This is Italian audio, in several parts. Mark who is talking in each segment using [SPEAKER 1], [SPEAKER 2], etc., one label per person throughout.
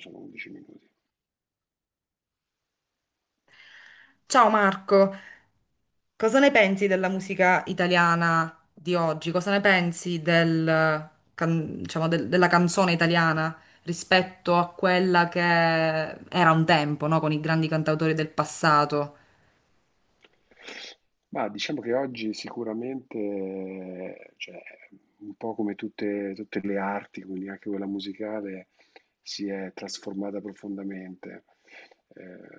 [SPEAKER 1] Sono 11 minuti.
[SPEAKER 2] Ciao Marco, cosa ne pensi della musica italiana di oggi? Cosa ne pensi del, della canzone italiana rispetto a quella che era un tempo, no? Con i grandi cantautori del passato?
[SPEAKER 1] Ma diciamo che oggi sicuramente, cioè, un po' come tutte le arti, quindi anche quella musicale, si è trasformata profondamente.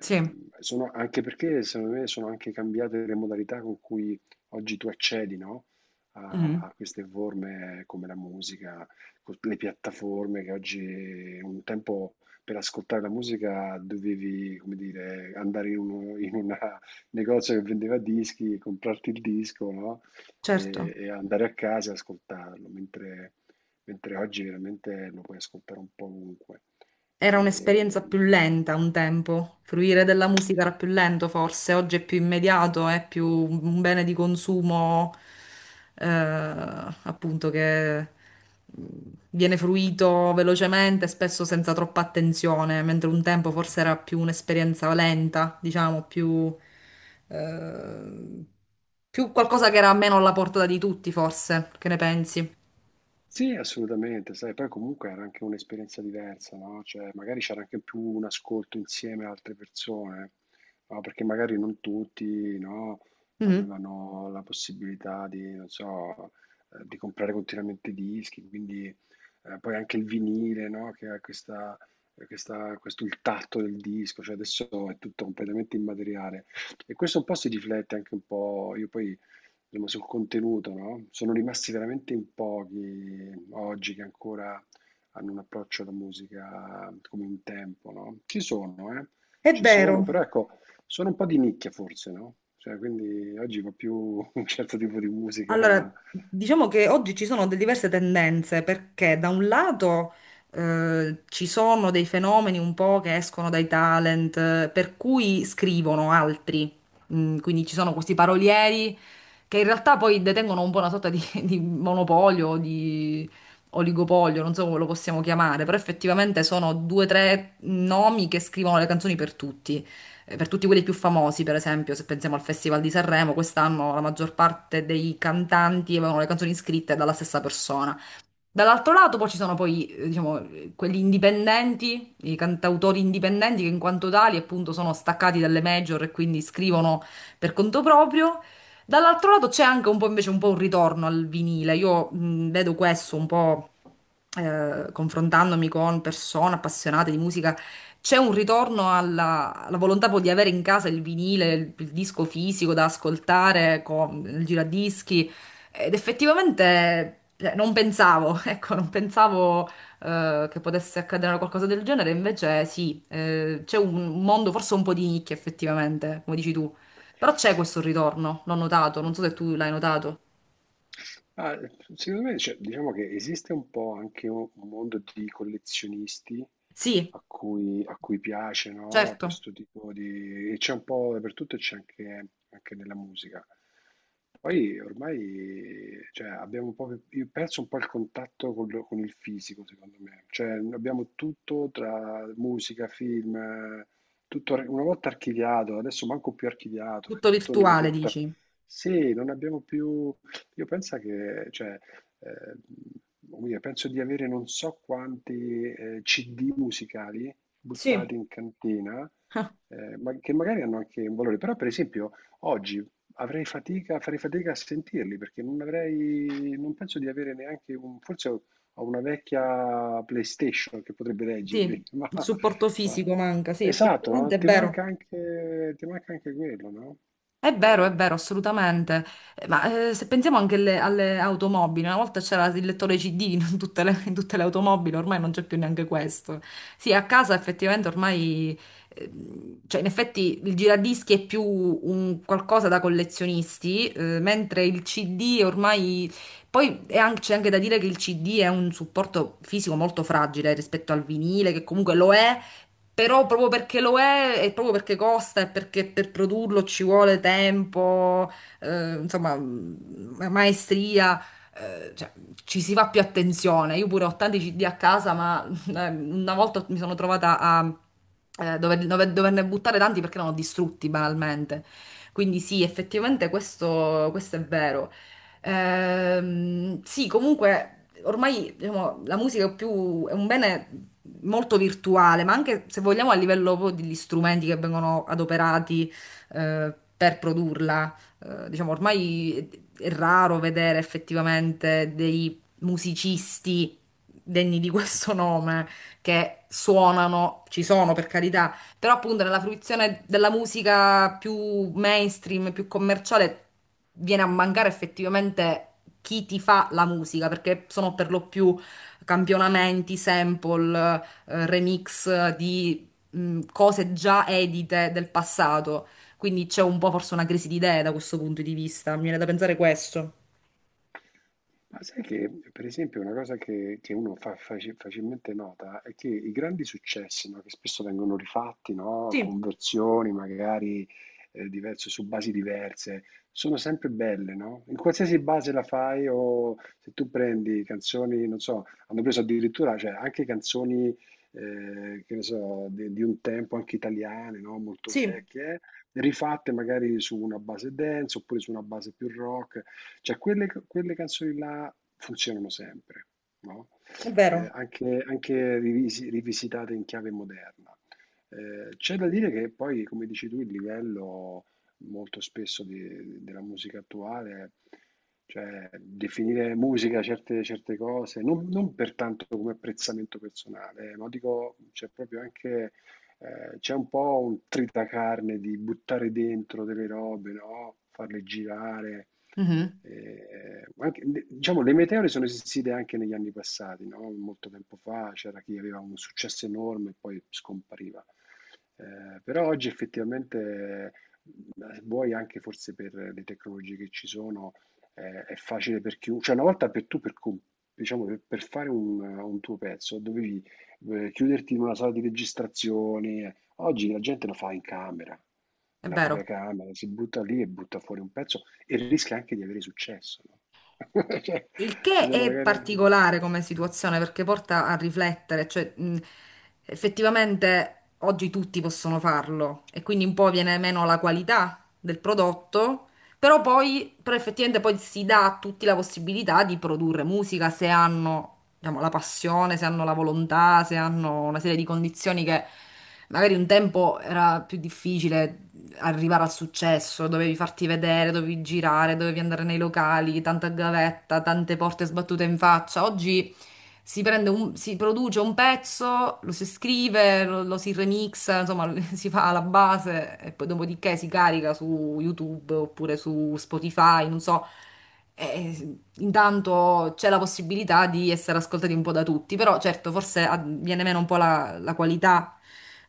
[SPEAKER 2] Sì.
[SPEAKER 1] sono- Anche perché, secondo me, sono anche cambiate le modalità con cui oggi tu accedi, no? A,
[SPEAKER 2] Mhm.
[SPEAKER 1] a queste forme come la musica, le piattaforme che oggi un tempo per ascoltare la musica dovevi, come dire, in una negozio che vendeva dischi, comprarti il disco, no? E,
[SPEAKER 2] Certo.
[SPEAKER 1] e andare a casa e ascoltarlo, mentre oggi veramente lo puoi ascoltare un po' ovunque.
[SPEAKER 2] Era un'esperienza
[SPEAKER 1] E,
[SPEAKER 2] più lenta un tempo, fruire della musica era più lento forse, oggi è più immediato, è più un bene di consumo appunto che mm, viene fruito velocemente, spesso senza troppa attenzione, mentre un tempo forse era più un'esperienza lenta, diciamo, più, eh, più qualcosa che era meno alla portata di tutti forse, che ne pensi?
[SPEAKER 1] Sì, assolutamente, sai, poi comunque era anche un'esperienza diversa, no, cioè magari c'era anche più un ascolto insieme a altre persone, no, perché magari non tutti, no,
[SPEAKER 2] Mhm.
[SPEAKER 1] avevano la possibilità di, non so, di comprare continuamente dischi, quindi poi anche il vinile, no, che ha questo il tatto del disco, cioè adesso è tutto completamente immateriale. E questo un po' si riflette anche un po', io poi insomma, sul contenuto, no? Sono rimasti veramente in pochi oggi che ancora hanno un approccio alla musica come un tempo, no? Ci sono, eh?
[SPEAKER 2] È
[SPEAKER 1] Ci sono,
[SPEAKER 2] vero.
[SPEAKER 1] però ecco, sono un po' di nicchia forse, no? Cioè, quindi oggi va più un certo tipo di musica.
[SPEAKER 2] Allora, diciamo che oggi ci sono diverse tendenze perché da un lato ci sono dei fenomeni un po' che escono dai talent, per cui scrivono altri. Quindi ci sono questi parolieri che in realtà poi detengono un po' una sorta di monopolio, o di oligopolio, non so come lo possiamo chiamare, però effettivamente sono due o tre nomi che scrivono le canzoni per tutti. Per tutti quelli più famosi, per esempio, se pensiamo al Festival di Sanremo, quest'anno la maggior parte dei cantanti avevano le canzoni scritte dalla stessa persona. Dall'altro lato poi ci sono poi, diciamo, quelli indipendenti, i cantautori indipendenti che in quanto tali appunto sono staccati dalle major e quindi scrivono per conto proprio. Dall'altro lato c'è anche un po' invece un po' un ritorno al vinile. Io vedo questo un po' confrontandomi con persone appassionate di musica, c'è un ritorno alla, alla volontà poi di avere in casa il vinile, il disco fisico da ascoltare con il giradischi. Ed effettivamente cioè, non pensavo, ecco, non pensavo che potesse accadere una qualcosa del genere, invece sì, c'è un mondo forse un po' di nicchia effettivamente, come dici tu. Però c'è questo ritorno, l'ho notato, non so se tu l'hai notato.
[SPEAKER 1] Ah, ehm, Secondo me, cioè, diciamo che esiste un po' anche un mondo di collezionisti
[SPEAKER 2] Sì,
[SPEAKER 1] a cui piace, no?
[SPEAKER 2] certo,
[SPEAKER 1] Questo tipo di e c'è un po' dappertutto e c'è anche, anche nella musica. Poi ormai, cioè, abbiamo un po', io perso un po' il contatto con, con il fisico, secondo me. Cioè, abbiamo tutto tra musica, film, tutto una volta archiviato, adesso manco più archiviato, è
[SPEAKER 2] tutto
[SPEAKER 1] tutto nelle
[SPEAKER 2] virtuale
[SPEAKER 1] piattaforme.
[SPEAKER 2] dici.
[SPEAKER 1] Sì, non abbiamo più Io pensa che, cioè, ehm, come dire, penso di avere non so quanti CD musicali
[SPEAKER 2] Sì.
[SPEAKER 1] buttati in cantina, ma che magari hanno anche un valore, però per esempio oggi farei fatica a sentirli perché non avrei, non penso di avere neanche un, forse ho una vecchia PlayStation che potrebbe
[SPEAKER 2] Sì,
[SPEAKER 1] leggerli,
[SPEAKER 2] il supporto
[SPEAKER 1] ma-
[SPEAKER 2] fisico manca, sì,
[SPEAKER 1] esatto,
[SPEAKER 2] effettivamente
[SPEAKER 1] no?
[SPEAKER 2] è vero.
[SPEAKER 1] Ti manca anche quello, no?
[SPEAKER 2] È vero, è vero,
[SPEAKER 1] Eh,
[SPEAKER 2] assolutamente. Ma se pensiamo anche alle, alle automobili, una volta c'era il lettore CD in tutte le automobili, ormai non c'è più neanche questo. Sì, a casa effettivamente ormai, cioè in effetti il giradischi è più un qualcosa da collezionisti, mentre il CD ormai... C'è anche da dire che il CD è un supporto fisico molto fragile rispetto al vinile, che comunque lo è, però proprio perché lo è, e proprio perché costa, e perché per produrlo ci vuole tempo, insomma, maestria, eh, cioè, ci si fa più attenzione. Io pure ho tanti CD a casa, ma una volta mi sono trovata a doverne buttare tanti perché erano distrutti banalmente. Quindi sì, effettivamente questo, questo è vero. Sì, comunque ormai diciamo, la musica è più, è un bene molto virtuale, ma anche se vogliamo a livello proprio degli strumenti che vengono adoperati per produrla. Diciamo, ormai è raro vedere effettivamente dei musicisti degni di questo nome che suonano, ci sono per carità, però appunto nella fruizione della musica più mainstream, più commerciale, viene a mancare effettivamente chi ti fa la musica, perché sono per lo più campionamenti, sample, remix di cose già edite del passato. Quindi c'è un po' forse una crisi di idee da questo punto di vista. Mi viene da pensare questo.
[SPEAKER 1] Ma sai che, per esempio, una cosa che, uno fa facilmente nota è che i grandi successi, no, che spesso vengono rifatti, no,
[SPEAKER 2] Sì,
[SPEAKER 1] con versioni magari diverse, su basi diverse, sono sempre belle, no? In qualsiasi base la fai o se tu prendi canzoni, non so, hanno preso addirittura, cioè, anche canzoni, che ne so, di un tempo, anche italiane, no, molto
[SPEAKER 2] sì,
[SPEAKER 1] vecchie, rifatte magari su una base dance oppure su una base più rock. Cioè quelle canzoni là funzionano sempre, no?
[SPEAKER 2] è vero.
[SPEAKER 1] Anche, anche rivisitate in chiave moderna. C'è da dire che poi, come dici tu, il livello molto spesso della musica attuale, cioè definire musica certe cose, non per tanto come apprezzamento personale, ma dico, c'è proprio anche c'è un po' un tritacarne di buttare dentro delle robe, no? Farle girare.
[SPEAKER 2] Mhm,
[SPEAKER 1] Eh, anche- diciamo, le meteore sono esistite anche negli anni passati, no? Molto tempo fa c'era chi aveva un successo enorme e poi scompariva. Però oggi effettivamente, vuoi anche forse per le tecnologie che ci sono, è facile per chiunque. Cioè, una volta per tu, per, com- diciamo, per fare un tuo pezzo, dovevi chiuderti in una sala di registrazione. Oggi la gente lo fa in camera,
[SPEAKER 2] è
[SPEAKER 1] nella
[SPEAKER 2] vero.
[SPEAKER 1] propria camera, si butta lì e butta fuori un pezzo e rischia anche di avere successo, no? Cioè,
[SPEAKER 2] Il
[SPEAKER 1] ci
[SPEAKER 2] che
[SPEAKER 1] sono
[SPEAKER 2] è
[SPEAKER 1] magari anche
[SPEAKER 2] particolare come situazione perché porta a riflettere, cioè effettivamente oggi tutti possono farlo e quindi un po' viene meno la qualità del prodotto, però poi però effettivamente poi si dà a tutti la possibilità di produrre musica se hanno, diciamo, la passione, se hanno la volontà, se hanno una serie di condizioni che magari un tempo era più difficile arrivare al successo, dovevi farti vedere, dovevi girare, dovevi andare nei locali, tanta gavetta, tante porte sbattute in faccia. Oggi si produce un pezzo, lo si scrive, lo si remixa, insomma, si fa alla base e poi dopodiché si carica su YouTube oppure su Spotify, non so. E intanto c'è la possibilità di essere ascoltati un po' da tutti, però certo forse viene meno un po' la qualità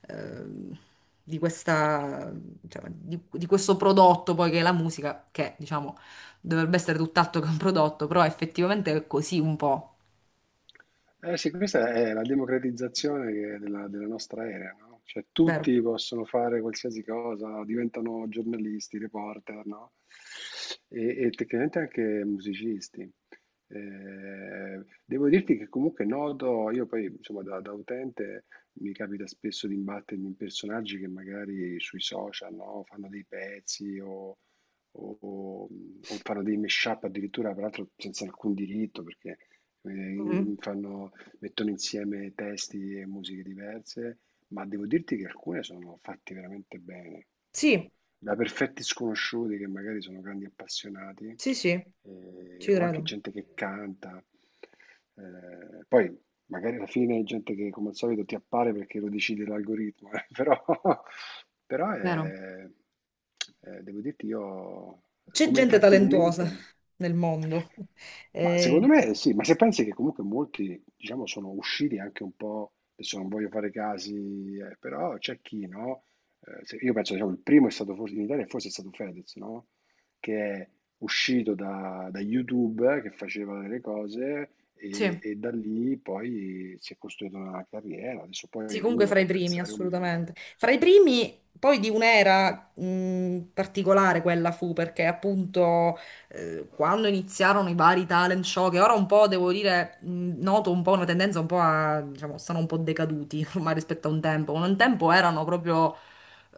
[SPEAKER 2] ehm, di questa, cioè, di questo prodotto poi che è la musica, che diciamo dovrebbe essere tutt'altro che un prodotto, però effettivamente è così un po',
[SPEAKER 1] Eh sì, questa è la democratizzazione della, della nostra era, no? Cioè
[SPEAKER 2] vero?
[SPEAKER 1] tutti possono fare qualsiasi cosa, diventano giornalisti, reporter, no? E tecnicamente anche musicisti. Devo dirti che comunque noto, io poi insomma da, da utente mi capita spesso di imbattermi in personaggi che magari sui social, no? Fanno dei pezzi o- o- o fanno dei mashup addirittura, peraltro senza alcun diritto, perché eh,
[SPEAKER 2] Mhm.
[SPEAKER 1] fanno- mettono insieme testi e musiche diverse, ma devo dirti che alcune sono fatte veramente bene, no?
[SPEAKER 2] Sì,
[SPEAKER 1] Da perfetti sconosciuti che magari sono grandi appassionati,
[SPEAKER 2] sì, sì, ci
[SPEAKER 1] o anche
[SPEAKER 2] credo.
[SPEAKER 1] gente che canta. Poi Magari alla fine è gente che come al solito ti appare perché lo decide l'algoritmo, però
[SPEAKER 2] Vero?
[SPEAKER 1] è, devo dirti io,
[SPEAKER 2] C'è
[SPEAKER 1] come
[SPEAKER 2] gente talentuosa
[SPEAKER 1] intrattenimento,
[SPEAKER 2] nel mondo.
[SPEAKER 1] ma secondo
[SPEAKER 2] Eh,
[SPEAKER 1] me sì, ma se pensi che comunque molti, diciamo, sono usciti anche un po', adesso non voglio fare casi, però c'è chi, no? Io penso, diciamo, il primo è stato forse in Italia, forse è stato Fedez, no? Che è uscito da YouTube, che faceva delle cose
[SPEAKER 2] Sì.
[SPEAKER 1] e da lì poi si è costruita una carriera. Adesso
[SPEAKER 2] Sì,
[SPEAKER 1] poi
[SPEAKER 2] comunque
[SPEAKER 1] uno
[SPEAKER 2] fra
[SPEAKER 1] può
[SPEAKER 2] i primi,
[SPEAKER 1] apprezzare o meno.
[SPEAKER 2] assolutamente. Fra i primi, poi di un'era particolare quella fu, perché appunto quando iniziarono i vari talent show, che ora un po', devo dire, noto un po' una tendenza un po' a, diciamo, stanno un po' decaduti ormai rispetto a un tempo. Un tempo erano proprio,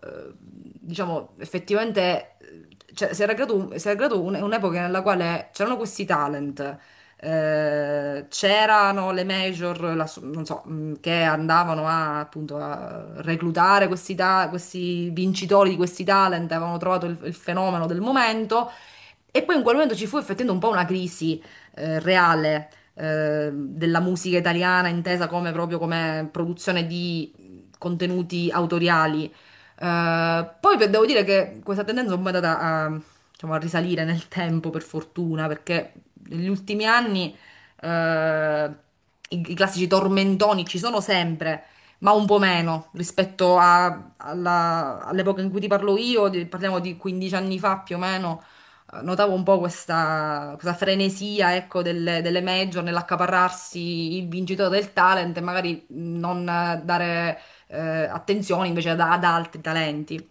[SPEAKER 2] diciamo, effettivamente, si era creato, si era creato un'epoca nella quale c'erano questi talent c'erano le major, non so, che andavano a, appunto a reclutare questi vincitori di questi talent, avevano trovato il fenomeno del momento e poi in quel momento ci fu effettivamente un po' una crisi reale della musica italiana, intesa come proprio come produzione di contenuti autoriali. Poi beh, devo dire che questa tendenza è un po' è andata a, diciamo, a risalire nel tempo, per fortuna, perché negli ultimi anni eh, i, i classici tormentoni ci sono sempre, ma un po' meno rispetto all'epoca in cui ti parlo io, parliamo di 15 anni fa più o meno notavo un po' questa frenesia, ecco, delle, delle major nell'accaparrarsi il vincitore del talent e magari non dare attenzione invece ad, ad altri talenti.